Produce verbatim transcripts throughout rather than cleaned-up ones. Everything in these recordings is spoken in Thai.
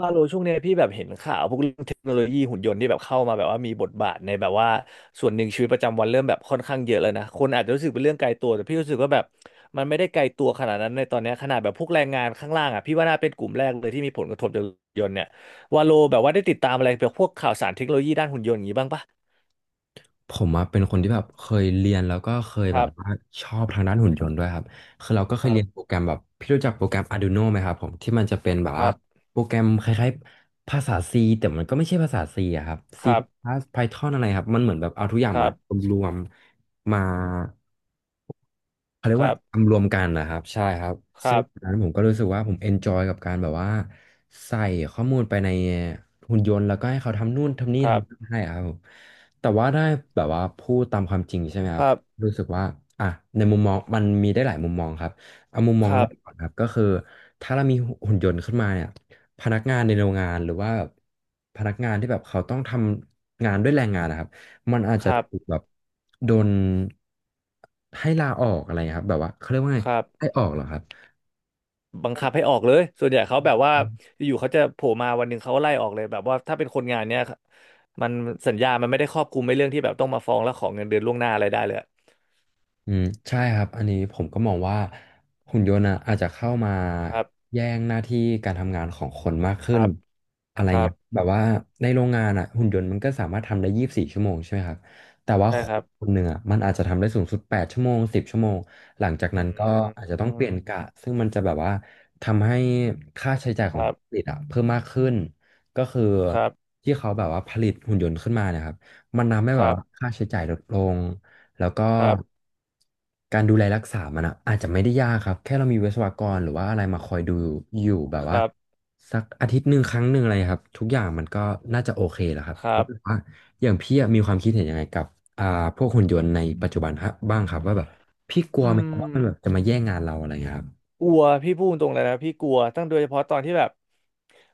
ว่าโลช่วงเนี้ยพี่แบบเห็นข่าวพวกเรื่องเทคโนโลยีหุ่นยนต์ที่แบบเข้ามาแบบว่ามีบทบาทในแบบว่าส่วนหนึ่งชีวิตประจำวันเริ่มแบบค่อนข้างเยอะเลยนะคนอาจจะรู้สึกเป็นเรื่องไกลตัวแต่พี่รู้สึกว่าแบบมันไม่ได้ไกลตัวขนาดนั้นในตอนเนี้ยขนาดแบบพวกแรงงานข้างล่างอ่ะพี่ว่าน่าเป็นกลุ่มแรกเลยที่มีผลกระทบจากหุ่นยนต์เนี่ยว่าโลแบบว่าได้ติดตามอะไรแบบพวกข่าวสารเทคโนโลยีด้านหุ่นยนต์อย่างนี้บ้างปะผมอะเป็นคนที่แบบเคยเรียนแล้วก็เคยคแบรับว่าบชอบทางด้านหุ่นยนต์ด้วยครับคือเราก็เคคยรัเรีบยนโปรแกรมแบบพี่รู้จักโปรแกรม Arduino ไหมครับผมที่มันจะเป็นแบบคว่ารับโปรแกรมคล้ายๆภาษา C แต่มันก็ไม่ใช่ภาษา C อะครับ C ครับ Python อะไรครับมันเหมือนแบบเอาทุกอย่างครัมาบรวมๆมา เขาเรีคยกรัว่าบทำรวมกันนะครับใช่ครับคซึ่งรับตอนนั้นผมก็รู้สึกว่าผมเอนจอยกับการแบบว่าใส่ข้อมูลไปในหุ่นยนต์แล้วก็ให้เขาทำนู่นทำนี่ครัทำนั่นบให้อะครับผมแต่ว่าได้แบบว่าพูดตามความจริงใช่ไหมคครับรับรู้สึกว่าอ่ะในมุมมองมันมีได้หลายมุมมองครับเอามุมมคองรัแรบกก่อนครับก็คือถ้าเรามีหุ่นยนต์ขึ้นมาเนี่ยพนักงานในโรงงานหรือว่าพนักงานที่แบบเขาต้องทำงานด้วยแรงงานนะครับ มันอาจคจะรัถูบกแบบโดนให้ลาออกอะไรครับแบบว่าเขาเรียกว่าไงครับ ให้ออกเหรอครับ บังคับให้ออกเลย ส่วนใหญ่เขาแบบว่าอยู่ๆเขาจะโผล่มาวันหนึ่งเขาก็ไล่ออกเลยแบบว่าถ้าเป็นคนงานเนี้ยมันสัญญามันไม่ได้ครอบคลุมในเรื่องที่แบบต้องมาฟ้องแล้วขอเงินเดือนล่วงหน้าอะไรได้เลยอะอืมใช่ครับอันนี้ผมก็มองว่าหุ่นยนต์อะอาจจะเข้ามาครับแย่งหน้าที่การทำงานของคนมากคขึ้นรับอะไรครับเงี้ยแบบว่าในโรงงานอ่ะหุ่นยนต์มันก็สามารถทำได้ยี่สิบสี่ชั่วโมงใช่ไหมครับแต่ว่าใช่คครันบคนหนึ่งอ่ะมันอาจจะทำได้สูงสุดแปดชั่วโมงสิบชั่วโมงหลังจากอืนั้นก็มอาจจะต้ออืงเปมลี่ยนกะซึ่งมันจะแบบว่าทำให้ค่าใช้จ่ายขคองรับผู้ผลิตอ่ะเพิ่มมากขึ้นก็คือครับที่เขาแบบว่าผลิตหุ่นยนต์ขึ้นมาเนะครับมันทำให้คแบบรับว่าค่าใช้จ่ายลดลง แล้วก็ครับการดูแลรักษามันอะอาจจะไม่ได้ยากครับแค่เรามีวิศวกรหรือว่าอะไรมาคอยดูอยู่แบบคว่ารับสักอาทิตย์หนึ่งครั้งหนึ่งอะไรครับทุกอย่างมันก็น่าจะโอเคแหละครับครัแล้วบว่าอย่างพี่อะมีความคิดเห็นยังไงกับอ่าพวกหุ่นยนต์ในปัจจุบันฮะบ้างครับว่าแบบพี่กลัวอืไหมครับว่ามัม นแบบจะมาแย่งงานเราอะไรเงี้ยครับกลัวพี่พูดตรงเลยนะพี่กลัวตั้งโดยเฉพาะตอนที่แบบ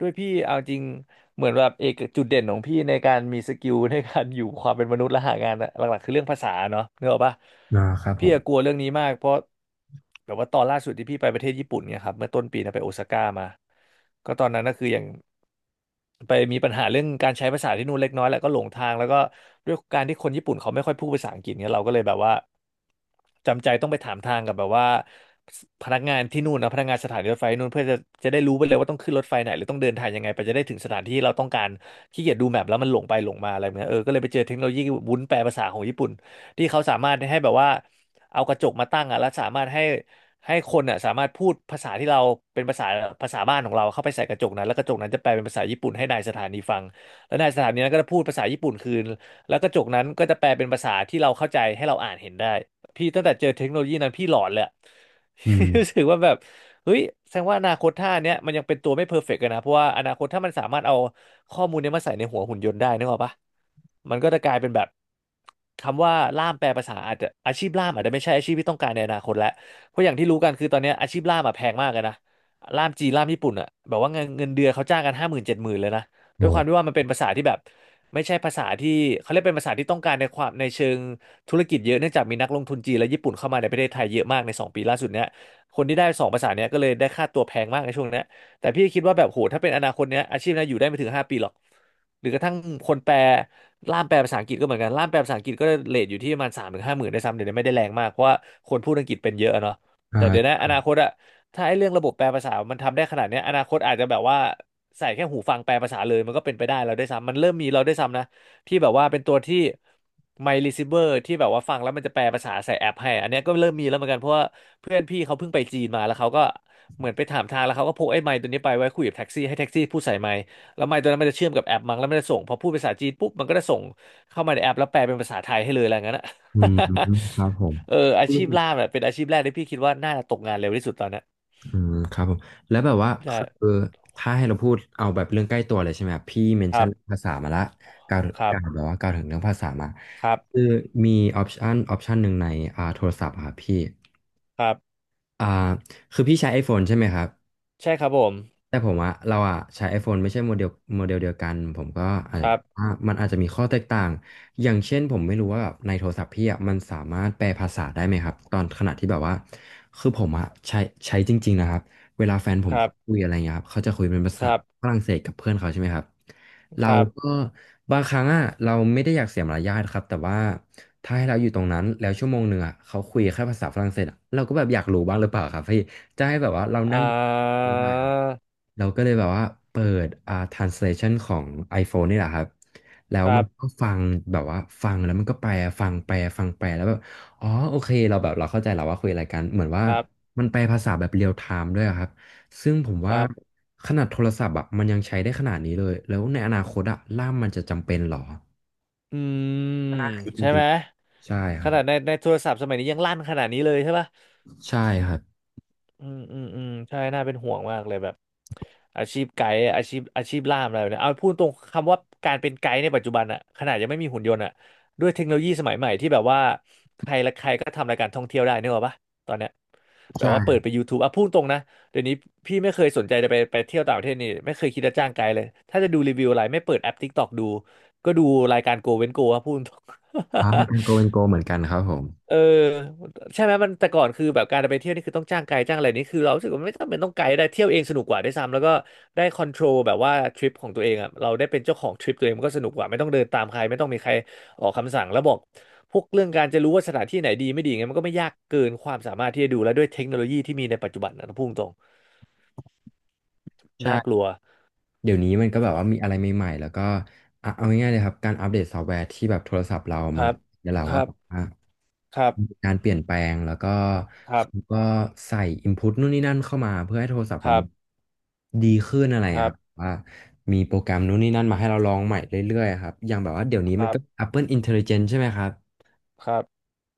ด้วยพี่เอาจริงเหมือนแบบเอกจุดเด่นของพี่ในการมีสกิลในการอยู่ความเป็นมนุษย์และหางานอะหลักๆคือเรื่องภาษาเนาะนึกออกปะอ่าครับผพี่มอะกลัวเรื่องนี้มากเพราะแบบว่าตอนล่าสุดที่พี่ไปประเทศญี่ปุ่นเนี่ยครับเมื่อต้นปีนะไปโอซาก้ามาก็ตอนนั้นก็คืออย่างไปมีปัญหาเรื่องการใช้ภาษาที่นู่นเล็กน้อยแหละก็หลงทางแล้วก็ด้วยการที่คนญี่ปุ่นเขาไม่ค่อยพูดภาษาอังกฤษเนี่ยเราก็เลยแบบว่า จำใจต้องไปถามทางกับแบบว่าพนักงานที่นู่นนะพนักงานสถานีรถไฟนู่นเพื่อจะจะได้รู้ไปเลยว่าต้องขึ้นรถไฟไหนหรือต้องเดินทางยังไงไปจะได้ถึงสถานที่เราต้องการขี้เกียจดูแมพแล้วมันหลงไปหลงมาอะไรแบบเงี้ยเออก็เลยไปเจอเทคโนโลยีวุ้นแปลภาษาของญี่ปุ่นที่เขาสามารถให้แบบว่าเอากระจกมาตั้งอ่ะแล้วสามารถให้ให้คนอ่ะสามารถพูดภาษาที่เราเป็นภาษาภาษาบ้านของเราเข้าไปใส่กระจกนั้นแล้วกระจกนั้นจะแปลเป็นภาษาญี่ปุ่นให้นายสถานีฟังแล้วนายสถานีนั้นก็จะพูดภาษาญี่ปุ่นคืนแล้วกระจกนั้นก็จะแปลเป็นภาษาที่เราเข้าใจให้เราอ่านเห็นได้ พี่ตั้งแต่เจอเทคโนโลยีนั้นพี่หลอนเลยอะ อืม รู้สึกว่าแบบเฮ้ยแสดงว่าอนาคตท่าเนี้ยมันยังเป็นตัวไม่เพอร์เฟกต์กันนะเพราะว่าอนาคตถ้ามันสามารถเอาข้อมูลเนี้ยมาใส่ในหัวหุ่นยนต์ได้นึกออกปะมันก็จะกลายเป็นแบบคำว่าล่ามแปลภาษาอาจจะอาชีพล่ามอาจจะไม่ใช่อาชีพที่ต้องการในอนาคตแล้วเพราะอย่างที่รู้กันคือตอนเนี้ยอาชีพล่ามอะแพงมากเลยนะล่ามจีนล่ามญี่ปุ่นอะแบบว่าเงินเงินเดือนเขาจ้างกันห้าหมื่นเจ็ดหมื่นเลยนะด้โอ้วยความที่ว่ามันเป็นภาษาที่แบบไม่ใช่ภาษาที่เขาเรียกเป็นภาษาที่ต้องการในความในเชิง ธุรกิจเยอะเนื่องจากมีนักลงทุนจีนและญี่ปุ่นเข้ามาในประเทศไทยเยอะมากในสองปีล่าสุดเนี้ยคนที่ได้สองภาษาเนี้ยก็เลยได้ค่าตัวแพงมากในช่วงเนี้ยแต่พี่คิดว่าแบบโหถ้าเป็นอนาคตเนี้ยอาชีพเนี้ยอยู่ได้ไม่ถึงห้าปีหรอกหรือกระทั่งคนแปลล่ามแปลภาษาอังกฤษก็เหมือนกันล่ามแปลภาษาอังกฤษก็เรทอยู่ที่ประมาณสามถึงห้าหมื่นได้วยซ้ำเดี๋ยวนี้ไม่ได้แรงมากเพราะว่าคนพูดอังกฤษเป็นเยอะอะเนาะอ่แต่เดี๋ยวานะอนาคตอะถ้าไอ้เรื่องระบบแปลภาษามันทำได้ขนาดเนี้ยอนาคตอาจจะแบบว่าใส่แค่หูฟังแปลภาษาเลยมันก็เป็นไปได้เราได้วยซ้ำมันเริ่มมีเราได้วยซ้ำนะ ที่แบบว่าเป็นตัวที่ My Receiver ที่แบบว่าฟังแล้วมันจะแปลภาษาใส่แอปให้อันเนี้ยก็เริ่มมีแล้วเหมือนกันเพราะว่าเพื่อนพี่เขาเพิ่งไปจีนมาแล้วเขาก็เหมือนไปถามทางแล้วเขาก็พกไอ้ไมค์ตัวนี้ไปไว้คุยกับแท็กซี่ให้แท็กซี่พูดใส่ไมค์แล้วไมค์ตัวนั้นมันจะเชื่อมกับแอปมั้งแล้วมันจะส่งพอพูดภาษาจีนปุ๊บมันก็จะส่งเข้ามาในแอปแล้วแปลเป็นภาษาไทยให้เลยอะไรอย่างนั้นอะ อืมครับผม เอออาชีพล่ามเนี่ยเป็นอาชีพแรกที่พี่คิดว่าน่าจะตกงานเร็วที่สุดตอนเนี้ยอืมครับผมแล้วแบบว่าคใช่ือถ้าให้เราพูดเอาแบบเรื่องใกล้ตัวเลยใช่ไหมครับพี่เมนครัชั่นบเรื่องภาษามาละกล่าวครักล่าวบแบบว่ากล่าวถึงเรื่องภาษามาครับคือมีออปชันออปชันหนึ่งในอ่าโทรศัพท์อะครับพี่ครับอ่าคือพี่ใช้ iPhone ใช่ไหมครับ ใช่ครับผมแต่ผมว่าเราอะใช้ iPhone ไม่ใช่โมเดลโมเดลเดียวกันผมก็อาจคจะรับว่ามันอาจจะมีข้อแตกต่างอย่างเช่นผมไม่รู้ว่าแบบในโทรศัพท์พี่อะมันสามารถแปลภาษาได้ไหมครับตอนขณะที่แบบว่าคือผมอะใช้ใช้จริงๆนะครับเวลาแฟนผมครัเขาคุบยอะไรเงี้ยครับเขาจะคุยเป็นภาคษารับฝรั่งเศสกับเพื่อนเขาใช่ไหมครับคเรารับ ก็บางครั้งอะเราไม่ได้อยากเสียมารยาทครับแต่ว่าถ้าให้เราอยู่ตรงนั้นแล้วชั่วโมงหนึ่งอะเขาคุยแค่ภาษาฝรั่งเศสอะเราก็แบบอยากรู้บ้างหรือเปล่าครับพี่จะให้แบบว่าเรานั่อ่า งอยู่ เราก็เลยแบบว่าเปิดอ่า translation ของ iPhone นี่แหละครับแล้วครัมันบ ก็ฟังแบบว่าฟังแล้วมันก็แปลฟังแปลฟังแปลแล้วแบบอ๋อโอเคเราแบบเราเข้าใจแล้วว่าคุยอะไรกันเหมือนว่าครับ มันแปลภาษาแบบเรียลไทม์ด้วยอะครับซึ่งผมคว่ารับ ขนาดโทรศัพท์อ่ะมันยังใช้ได้ขนาดนี้เลยแล้วในอนาคตอ่ะล่ามมันจะจำเป็นเหรออืม ก็น่าคิดจใช่ริไหงม ๆใช่คขรับนาดใน ในโทรศัพท์สมัยนี้ยังลั่นขนาดนี้เลยใช่ปะ ใช่ครับอืมอืมอืมใช่น่าเป็นห่วงมากเลยแบบอาชีพไกด์อาชีพอาชีพล่ามอะไรแบบเนี้ยเอาพูดตรงคำว่าการเป็นไกด์ในปัจจุบันอะขนาดยังไม่มีหุ่นยนต์อะด้วยเทคโนโลยีสมัยใหม่ที่แบบว่าใครและใครก็ทำรายการท่องเที่ยวได้นึกออกปะตอนเนี้ยแบบใช่ว่าเปิดไป ยูทูบ อ่ะพูดตรงนะเดี๋ยวนี้พี่ไม่เคยสนใจจะไปไปเที่ยวต่างประเทศนี่ไม่เคยคิดจะจ้างไกด์เลยถ้าจะดูรีวิวอะไรไม่เปิดแอป ที ไอ เค ที อกดูก็ดูรายการ Go เว้น Go อะพูดตรง อ่าทางโกเป็นโกเหมือนกันครับผมเออใช่ไหมมันแต่ก่อนคือแบบการไปเที่ยวนี่คือต้องจ้างไกด์จ้างอะไรนี่คือเรารู้สึกว่าไม่จำเป็นต้องไกด์ได้เที่ยวเองสนุกกว่าด้วยซ้ำแล้วก็ได้คอนโทรลแบบว่าทริปของตัวเองอ่ะเราได้เป็นเจ้าของทริปตัวเองมันก็สนุกกว่าไม่ต้องเดินตามใครไม่ต้องมีใครออกคำสั่งแล้วบอกพวกเรื่องการจะรู้ว่าสถานที่ไหนดีไม่ดีไงมันก็ไม่ยากเกินความสามารถที่จะดูแล้วด้วยเทคโนโลยีที่มีในปัจจุบันนะพุ่งตรงใช่ น่ากลัวเดี๋ยวนี้มันก็แบบว่ามีอะไรใหม่ๆแล้วก็อ่ะเอาง่ายๆเลยครับการอัปเดตซอฟต์แวร์ที่แบบโทรศัพท์เราคมันรับเดี๋ยวเราคว่ารับแบบว่าครัมีบการเปลี่ยนแปลงแล้วก็ครับเขาก็ใส่ input นู่นนี่นั่นเข้ามาเพื่อให้โทรศัพท์คเรารัมับนดีขึ้นอะไรคอะรัครับบว่ามีโปรแกรมนู่นนี่นั่นมาให้เราลองใหม่เรื่อยๆครับอย่างแบบว่าเดี๋ยวนี้คมัรันก็ บ Apple Intelligence ใช่ไหมครับ ครับ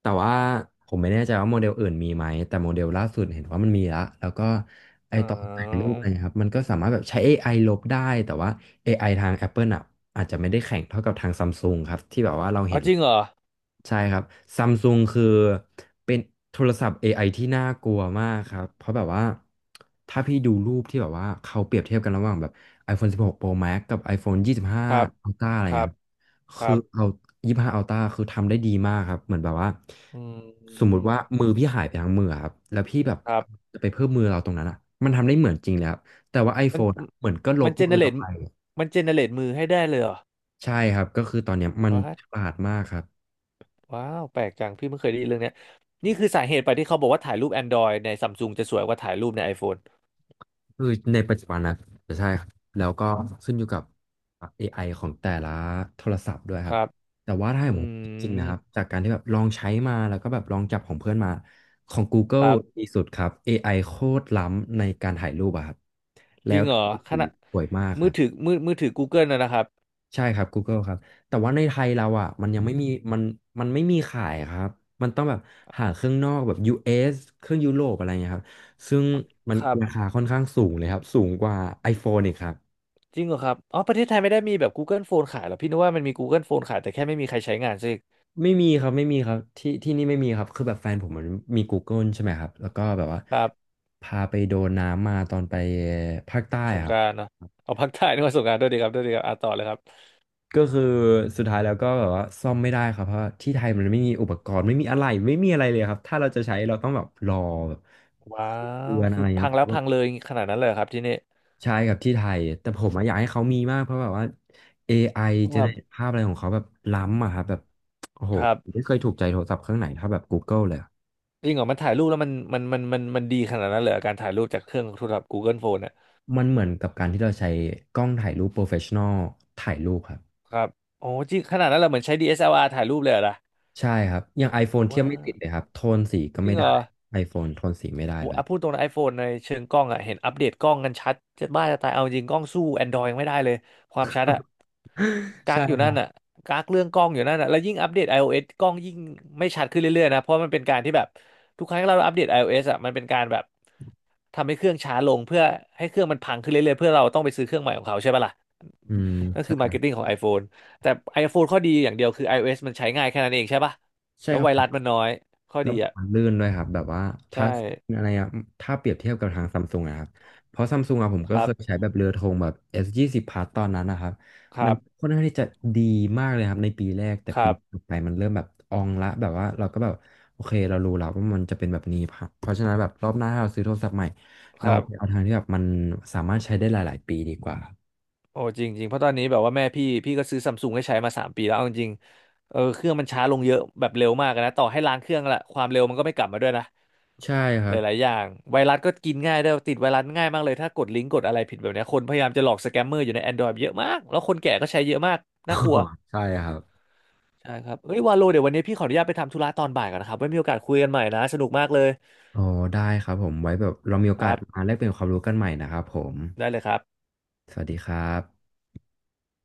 แต่ว่าผมไม่แน่ใจว่าโมเดลอื่นมีไหมแต่โมเดลล่าสุดเห็นว่ามันมีละแล้วก็ไออ๋อตอนแต่งรูปอะไรครับมันก็สามารถแบบใช้ เอ ไอ ลบได้แต่ว่า เอ ไอ ทาง Apple อ่ะอาจจะไม่ได้แข่งเท่ากับทางซัมซุงครับที่แบบว่าเราอ๋อเห็นจริงเหรอใช่ครับซัมซุงคือเป็นโทรศัพท์ เอ ไอ ที่น่ากลัวมากครับเพราะแบบว่าถ้าพี่ดูรูปที่แบบว่าเขาเปรียบเทียบกันระหว่างแบบ iPhone สิบหก Pro Max กับ iPhone ยี่สิบห้า ครับ Ultra อะไรครัเงี้บย คคืรัอบ เอายี่ห้าอัลต้าคือทำได้ดีมากครับเหมือนแบบว่าอืสมมุมติว่ามือพี่หายไปทั้งมืออะครับแล้วพี่แบบครับจะไปเพิ่มมือเราตรงนั้นอ่ะมันทำได้เหมือนจริงเลยครับแต่ว่า มัน iPhone อะเหมือนก็ลมับนเจมืเนอเรเราตไปมันเจเนเรตมือให้ได้เลยเหรอใช่ครับก็คือตอนเนี้ยมันว้าวฉลาดมากครับ ว้าวแปลกจังพี่ไม่เคยได้ยินเรื่องเนี้ยนี่คือสาเหตุไปที่เขาบอกว่าถ่ายรูป Android ในซัมซุงจะสวยกว่าถ่ายรูปใน iPhone คือในปัจจุบันนะใช่ครับแล้วก็ขึ้นอยู่กับ เอ ไอ ของแต่ละโทรศัพท์ด้วยคครับรับแต่ว่าถ้าให้อืผมจริงๆมนะครับจากการที่แบบลองใช้มาแล้วก็แบบลองจับของเพื่อนมาของ ค Google รับดีสุดครับ เอ ไอ โคตรล้ำในการถ่ายรูปอะครับแล้จริวงเหรถ่าอยขสีณะสวยมากคมืรัอบ ถือมือมือถือ Google นะนะครับใช่ครับ Google ครับแต่ว่าในไทยเราอ่ะมันยังไม่มีมันมันไม่มีขายครับมันต้องแบบหาเครื่องนอกแบบ ยู เอส เอสเครื่องยุโรปอะไรเงี้ยครับซึ่งมันครัราบคาค่อนข้างสูงเลยครับสูงกว่า iPhone อีกครับจริงเหรอครับอ๋อประเทศไทยไม่ได้มีแบบ Google Phone ขายเหรอพี่นึกว่ามันมี Google Phone ขายแต่แค่ไม่มีใครใช้งานซะอีกไม่มีครับไม่มีครับที่ที่นี่ไม่มีครับคือแบบแฟนผมมันมี Google ใช่ไหมครับแล้วก็แบบว่าครับพาไปโดนน้ำมาตอนไปภาคใต้สงคกรับ รานต์เนอะเอาพักถ่ายนึกว่าสงกรานต์ด้วยดีครับด้วยดีครับอ่ะต่อเลยครับ ก็คือสุดท้ายแล้วก็แบบว่าซ่อมไม่ได้ครับเพราะที่ไทยมันไม่มีอุปกรณ์ไม่มีอะไรไม่มีอะไรเลยครับถ้าเราจะใช้เราต้องแบบรอแบบว้าวเดือนอะคือไรเงี้พัยงคแล้วรัพับงเลยขนาดนั้นเลยเหรอครับที่นี่ใช่ครับที่ไทยแต่ผมอะอยากให้เขามีมากเพราะแบบว่า เอ ไอ เจคเนรับเรตภาพอะไรของเขาแบบล้ำอะครับแบบโอ้โหครับไม่เคยถูกใจโทรศัพท์เครื่องไหนเท่าแบบ Google เลยอะจริงเหรอมันถ่ายรูปแล้วมันมันมันมันมันดีขนาดนั้นเลยเหรอการถ่ายรูปจากเครื่องโทรศัพท์ Google Phone ่ะมันเหมือนกับการที่เราใช้กล้องถ่ายรูปโปรเฟชชั่นอลถ่ายรูปครับครับโอ้จริงขนาดนั้นเหราเหมือนใช้ดีเอสแอลอาร์ถ่ายรูปเลยเหรอล่ะใช่ครับอย่าง iPhone เทียบว้าไม่ติดเลยวครับโทนสีก็จริไม่งเหรได้ อ iPhone โทนสีไม่ได้โหเลยอ่ะพูดตรงนะ iPhone ในเชิงกล้องอ่ะเห็นอัปเดตกล้องกันชัดจะบ้าจะตายเอาจริงกล้องสู้ Android ยังไม่ได้เลยความชัดอะกักอยู่ใช่นั่นอะกักเรื่องกล้องอยู่นั่นอะแล้วยิ่งอัปเดต iOS กล้องยิ่งไม่ชัดขึ้นเรื่อยๆนะเพราะมันเป็นการที่แบบทุกครั้งที่เราอัปเดต iOS อะมันเป็นการแบบ ทำให้เครื่องช้าลงเพื่อให้เครื่องมันพังขึ้นเรื่อยๆเพื่อเราต้องไปซื้อเครื่องใหม่ของเขาใช่ปะล่ะอืมนั่นใช่ คือมาร์เก็ตติ้งของ iPhone แต่ ไอโฟน ข้อดีอย่างเดียวคือ ไอโอเอส มันใช้ง่ายแค่นั้นเองใช่ปะใช่แล้วครัไวรัสบมันน้อยข้อแล้วดีอ่ะมันลื่นด้วยครับแบบว่าถ้าใช่อะไรอะถ้าเปรียบเทียบกับทางซัมซุงนะครับเพราะซัมซุงอะผมคก็รัเคบยใช้แบบเรือธงแบบ เอส ยี่สิบ Plus ตอนนั้นนะครับคมัรันบค่อนข้างที่จะดีมากเลยครับในปีแรกแต่คปีรัต่บอไปมันเริ่มแบบอองละแบบว่าเราก็แบบโอเคเรารู้แล้วว่ามันจะเป็นแบบนี้ครับเพราะฉะนั้นแบบรอบหน้าถ้าเราซื้อโทรศัพท์ใหม่คเรารับไปเอาทางที่แบบมันสามารถใช้ได้หลายๆปีดีกว่าโอ้จริงจริงเพราะตอนนี้แบบว่าแม่พี่พี่ก็ซื้อซัมซุงให้ใช้มาสามปีแล้วเอาจริงๆเออเครื่องมันช้าลงเยอะแบบเร็วมากนะต่อให้ล้างเครื่องละความเร็วมันก็ไม่กลับมาด้วยนะ ใช่ครัหบ ลายๆอย่างไวรัสก็กินง่ายด้วยติดไวรัสง่ายมากเลยถ้ากดลิงก์กดอะไรผิดแบบเนี้ยคนพยายามจะหลอกสแกมเมอร์อยู่ใน Android เยอะมากแล้วคนแก่ก็ใช้เยอะมากน่ากลัว ใช่ครับใช่ครับเฮ้ยวาโลเดี๋ยววันนี้พี่ขออนุญาตไปทำธุระตอนบ่ายก่อนนะครับไว้มีโอกาสคุยกันใหม่นะสนุกมากเลยอ๋อได้ครับผมไว้แบบเรามีโอคการัสบมาแลกเปลี่ยนความรู้กันใหม่นะครับผม ได้เลยครับสวัสดีครับ